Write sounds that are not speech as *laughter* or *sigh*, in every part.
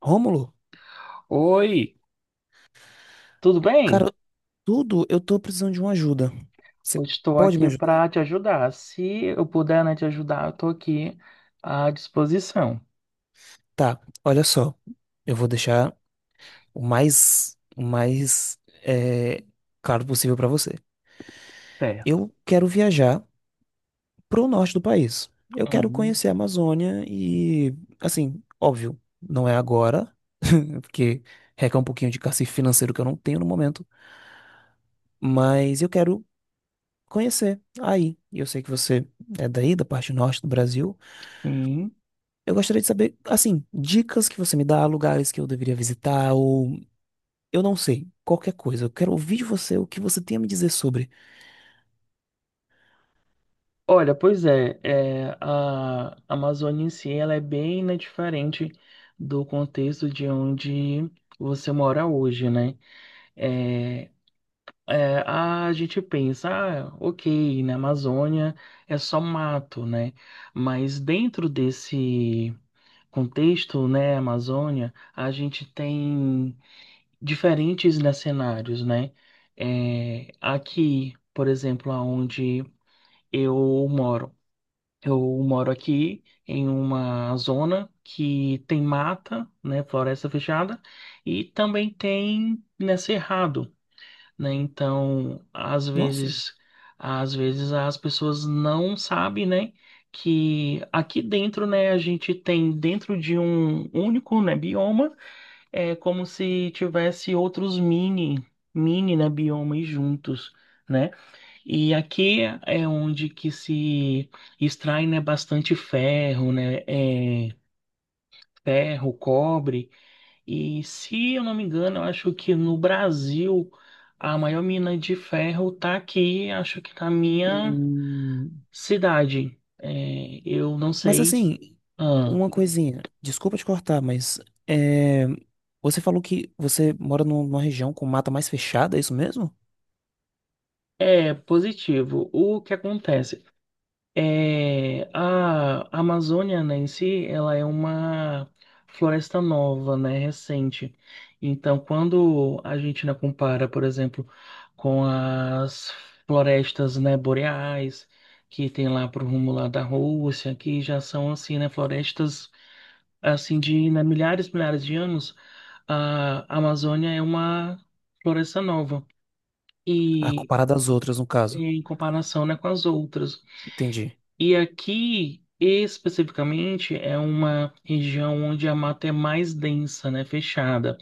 Rômulo, Oi, tudo bem? cara, tudo, eu tô precisando de uma ajuda. Eu Você estou pode me aqui ajudar? para te ajudar. Se eu puder, né, te ajudar, eu estou aqui à disposição. Tá, olha só. Eu vou deixar o mais claro possível pra você. Certo. Eu quero viajar pro norte do país. Eu quero Hum, conhecer a Amazônia e, assim, óbvio, não é agora, *laughs* porque requer um pouquinho de cacife financeiro que eu não tenho no momento, mas eu quero conhecer aí. E eu sei que você é daí, da parte norte do Brasil. sim. Eu gostaria de saber, assim, dicas que você me dá, lugares que eu deveria visitar, ou eu não sei, qualquer coisa. Eu quero ouvir de você o que você tem a me dizer sobre. Olha, pois é, a Amazônia em si, ela é bem, né, diferente do contexto de onde você mora hoje, né? É, a gente pensa, ah, ok, na Amazônia é só mato, né? Mas dentro desse contexto, né, Amazônia, a gente tem diferentes, né, cenários, né? É, aqui, por exemplo, aonde eu moro. Eu moro aqui em uma zona que tem mata, né, floresta fechada, e também tem, né, cerrado né? Então, Nossa. Às vezes as pessoas não sabem, né, que aqui dentro, né, a gente tem dentro de um único, né, bioma, é como se tivesse outros mini, né, biomas juntos. Né? E aqui é onde que se extrai, né, bastante ferro, né, ferro, cobre, e se eu não me engano, eu acho que no Brasil a maior mina de ferro tá aqui, acho que na minha hum, cidade. É, eu não Mas sei. assim, Ah, uma coisinha, desculpa te cortar, mas é, você falou que você mora numa região com mata mais fechada, é isso mesmo? é positivo. O que acontece? É, a Amazônia, né, em si, ela é uma floresta nova, né, recente. Então, quando a gente, né, compara, por exemplo, com as florestas, né, boreais, que tem lá pro rumo lá da Rússia, que já são, assim, né, florestas, assim, de, né, milhares de anos, a Amazônia é uma floresta nova. Ah, E comparado às outras, no caso. em comparação, né, com as outras. Entendi. E aqui, especificamente, é uma região onde a mata é mais densa, né, fechada.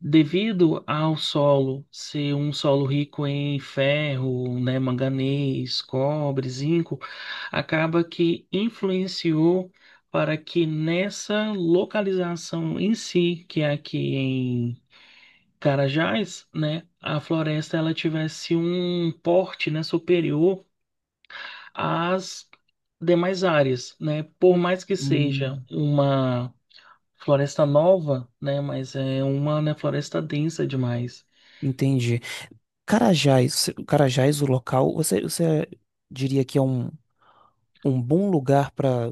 Devido ao solo ser um solo rico em ferro, né, manganês, cobre, zinco, acaba que influenciou para que nessa localização em si, que é aqui em Carajás, né, a floresta ela tivesse um porte, né, superior às demais áreas, né? Por mais que seja Hum, uma floresta nova, né? Mas é uma, né, floresta densa demais. entendi. Carajás, Carajás, o local, você diria que é um, um bom lugar para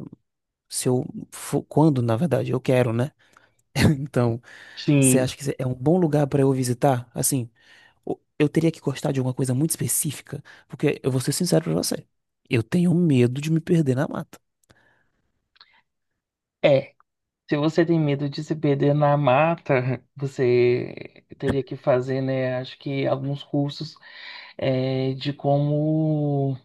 se eu for, quando, na verdade, eu quero, né? *laughs* Então, você Sim, acha que é um bom lugar para eu visitar? Assim, eu teria que gostar de alguma coisa muito específica, porque eu vou ser sincero pra você. Eu tenho medo de me perder na mata. é. Se você tem medo de se perder na mata, você teria que fazer, né? Acho que alguns cursos é, de como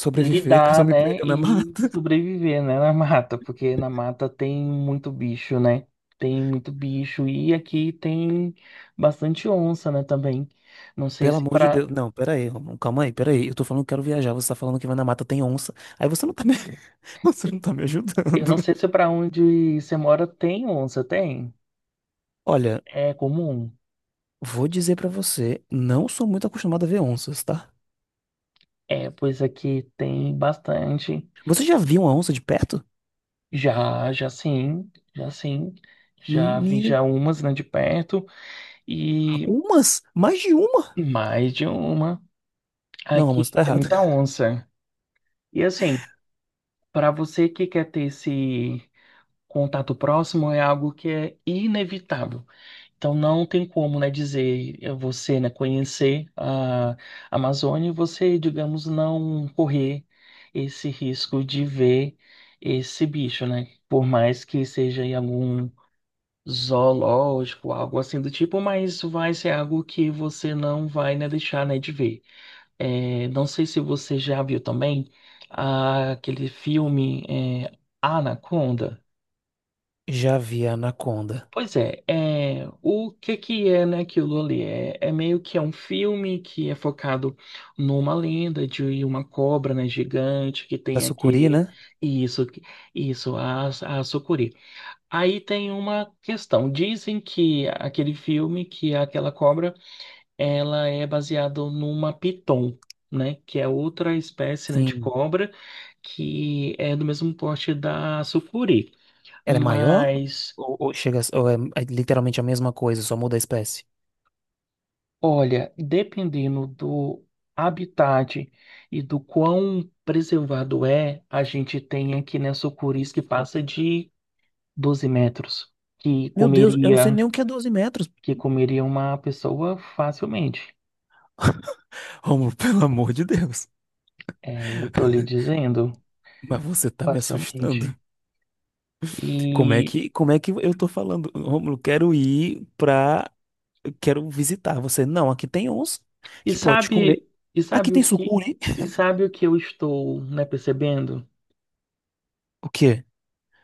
Sobreviver *laughs* caso lidar, eu me né, perca na e mata. *laughs* sobreviver, né, na mata, porque na mata tem muito bicho, né? Tem muito bicho e aqui tem bastante onça, né, também. Não sei Pelo se amor de para, Deus. Não, pera aí, Romão, calma aí, pera aí. Eu tô falando que quero viajar, você tá falando que vai na mata, tem onça. Aí você não tá me, *laughs* você não tá me eu não ajudando. sei se para onde você mora tem onça, tem? Olha, É comum. vou dizer pra você, não sou muito acostumado a ver onças, tá? É, pois aqui tem bastante. Você já viu uma onça de perto? Já, já sim, já sim. Já vi Meu já umas, né, de perto e Umas? Mais de uma? mais de uma. Não, mas Aqui tá tem errado. muita onça. E assim, para você que quer ter esse contato próximo, é algo que é inevitável. Então, não tem como, né, dizer você, né, conhecer a Amazônia e você, digamos, não correr esse risco de ver esse bicho, né? Por mais que seja em algum zoológico, algo assim do tipo, mas vai ser algo que você não vai, né, deixar, né, de ver. É, não sei se você já viu também ah, aquele filme é, Anaconda. Já vi a anaconda. Pois é, é, o que que é, né, aquilo ali? É, é meio que é um filme que é focado numa lenda de uma cobra, né, gigante que Da tem sucuri, aqui né? isso, isso, a sucuri. Aí tem uma questão. Dizem que aquele filme, que é aquela cobra ela é baseada numa piton, né? Que é outra espécie, né, de Sim. cobra que é do mesmo porte da sucuri. Ela é maior? Mas, Ou chega, ou é literalmente a mesma coisa, só muda a espécie? olha, dependendo do habitat e do quão preservado é, a gente tem aqui, né, sucuris que passa de 12 metros, que Meu Deus, eu não sei comeria, nem o que é 12 metros. que comeria uma pessoa facilmente. Romulo, *laughs* pelo amor de Deus. É, eu tô lhe dizendo, Mas você tá me assustando. facilmente. Como é E que, como é que eu tô falando? Romulo, quero ir pra... Quero visitar você. Não, aqui tem onça E que pode comer. sabe, e Aqui sabe o tem que, sucuri. e sabe o que eu estou, né, percebendo? O quê?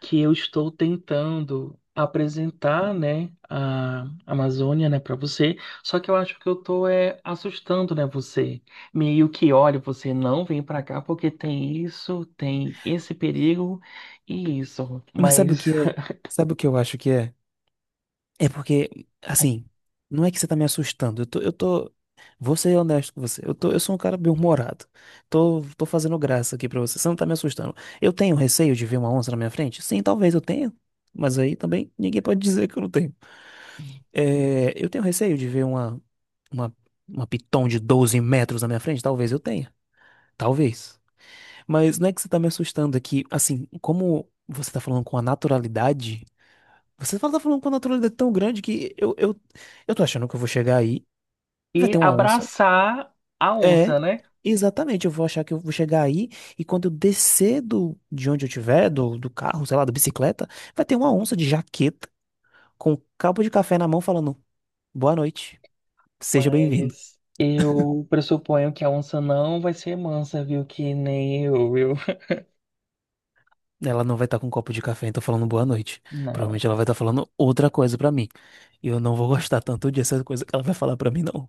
Que eu estou tentando apresentar, né, a Amazônia, né, para você, só que eu acho que eu tô é assustando, né, você. Meio que, olha, você não vem para cá porque tem isso, tem esse perigo e isso, Mas sabe o mas que é? *laughs* Sabe o que eu acho que é? É porque, assim, não é que você tá me assustando. Vou ser honesto com você. Eu sou um cara bem-humorado. Tô fazendo graça aqui pra você. Você não tá me assustando. Eu tenho receio de ver uma onça na minha frente? Sim, talvez eu tenha. Mas aí também ninguém pode *laughs* dizer que eu não tenho. É, eu tenho receio de ver uma, uma piton de 12 metros na minha frente? Talvez eu tenha. Talvez. Mas não é que você tá me assustando aqui. Assim, como você tá falando com a naturalidade. Você tá falando com uma naturalidade tão grande que eu tô achando que eu vou chegar aí, vai e ter uma onça. abraçar a É, onça, né? exatamente, eu vou achar que eu vou chegar aí e quando eu descer de onde eu tiver, do carro, sei lá, da bicicleta, vai ter uma onça de jaqueta com um copo de café na mão falando boa noite, seja bem-vindo. Mas eu pressuponho que a onça não vai ser mansa, viu? Que nem eu, viu? Ela não vai estar com um copo de café, então falando boa noite. Não. Provavelmente ela vai estar falando outra coisa pra mim. E eu não vou gostar tanto dessa coisa que ela vai falar pra mim, não.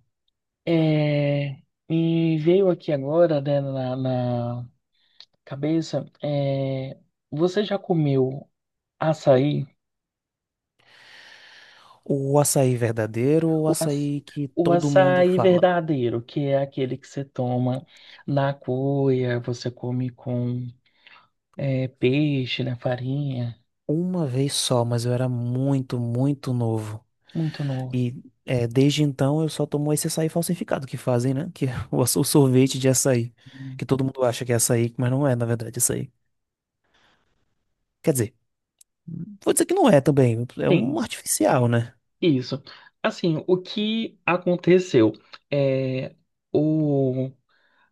É, me veio aqui agora, na cabeça, é, você já comeu açaí? O açaí verdadeiro ou o O, aç- açaí que o todo mundo açaí fala? verdadeiro, que é aquele que você toma na cuia, você come com é, peixe, né, farinha, Uma vez só, mas eu era muito, muito novo. muito novo. E desde então eu só tomo esse açaí falsificado que fazem, né? Que *laughs* é o sorvete de açaí. Que todo mundo acha que é açaí, mas não é, na verdade, açaí. Quer dizer, vou dizer que não é também. É um Sim, artificial, é né? isso. Assim, o que aconteceu? É, o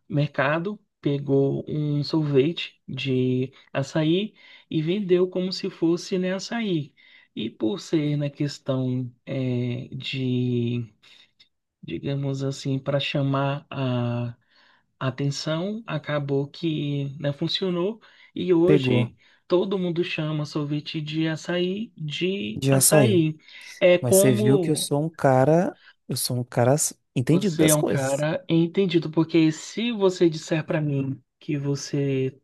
mercado, pegou um sorvete de açaí e vendeu como se fosse, né, açaí. E por ser na questão de, digamos assim, para chamar a atenção, acabou que não funcionou e Pegou hoje todo mundo chama sorvete de açaí de de açaí. açaí. É Mas você viu que eu como sou um cara. Eu sou um cara entendido você é das um coisas. cara entendido, porque se você disser para mim que você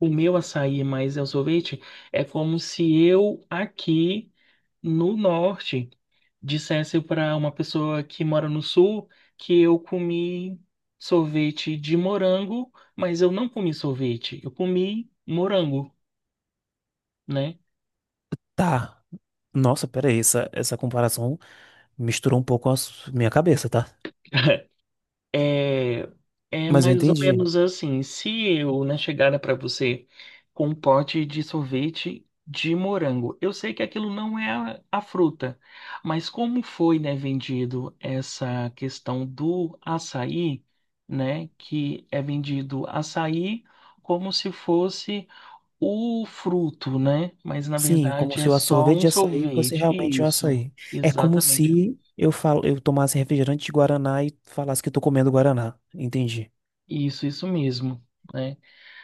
o meu açaí mais é o sorvete é como se eu aqui no norte dissesse para uma pessoa que mora no sul que eu comi sorvete de morango, mas eu não comi sorvete, eu comi morango, né? Tá. Nossa, peraí, essa comparação misturou um pouco a minha cabeça, tá? *laughs* É, é Mas eu mais ou entendi. menos assim. Se eu, né, chegara para você com um pote de sorvete de morango, eu sei que aquilo não é a fruta, mas como foi, né, vendido essa questão do açaí, né, que é vendido açaí como se fosse o fruto, né, mas na Sim, como verdade se é o só sorvete um de açaí fosse sorvete. realmente um Isso, açaí. É como exatamente. se eu tomasse refrigerante de Guaraná e falasse que eu tô comendo Guaraná. Entendi. Isso mesmo. Né?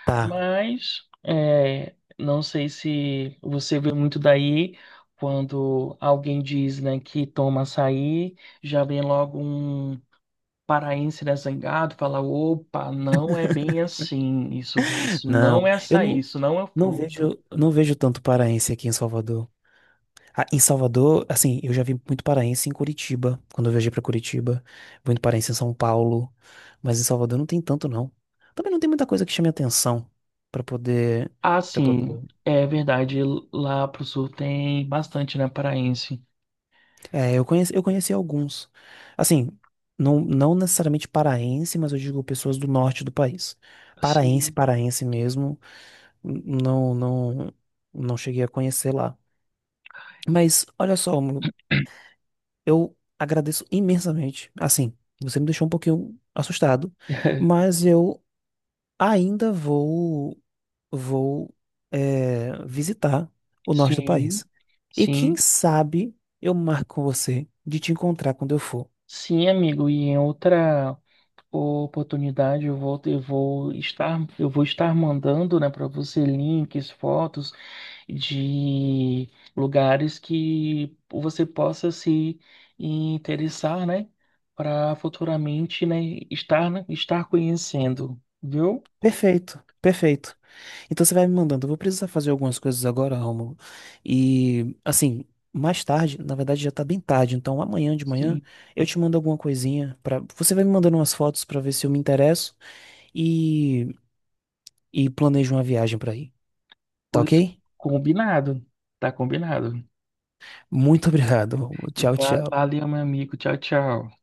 Tá. Mas é, não sei se você vê muito daí quando alguém diz, né, que toma açaí, já vem logo um paraense desangado, fala, opa, não é bem assim, isso não Não, é eu açaí, não, isso não é não fruto. vejo tanto paraense aqui em Salvador. Ah, em Salvador, assim, eu já vi muito paraense em Curitiba, quando eu viajei pra Curitiba, muito paraense em São Paulo, mas em Salvador não tem tanto não. Também não tem muita coisa que chame atenção pra poder, para Assim, poder. é verdade, lá pro sul tem bastante, né, paraense. É, eu conheci alguns. Assim, não necessariamente paraense, mas eu digo pessoas do norte do país. Paraense, Sim. paraense mesmo, n- não, não, não cheguei a conhecer lá. Mas olha só, Mônaco, eu agradeço imensamente. Assim, você me deixou um pouquinho assustado, *laughs* mas eu ainda vou, visitar o norte do Sim, país. E quem sim, sabe eu marco com você de te encontrar quando eu for. sim, amigo. E em outra oportunidade, eu vou estar mandando, né, para você links, fotos de lugares que você possa se interessar, né, para futuramente, né, estar conhecendo, viu? Perfeito, perfeito. Então você vai me mandando. Eu vou precisar fazer algumas coisas agora, Rômulo. E assim, mais tarde, na verdade já tá bem tarde, então amanhã de manhã Sim, eu te mando alguma coisinha para você vai me mandando umas fotos pra ver se eu me interesso e e planejo uma viagem pra ir. Tá pois ok? combinado, tá combinado. Muito *laughs* obrigado, Rômulo. Tchau, tchau. Valeu, meu amigo. Tchau, tchau.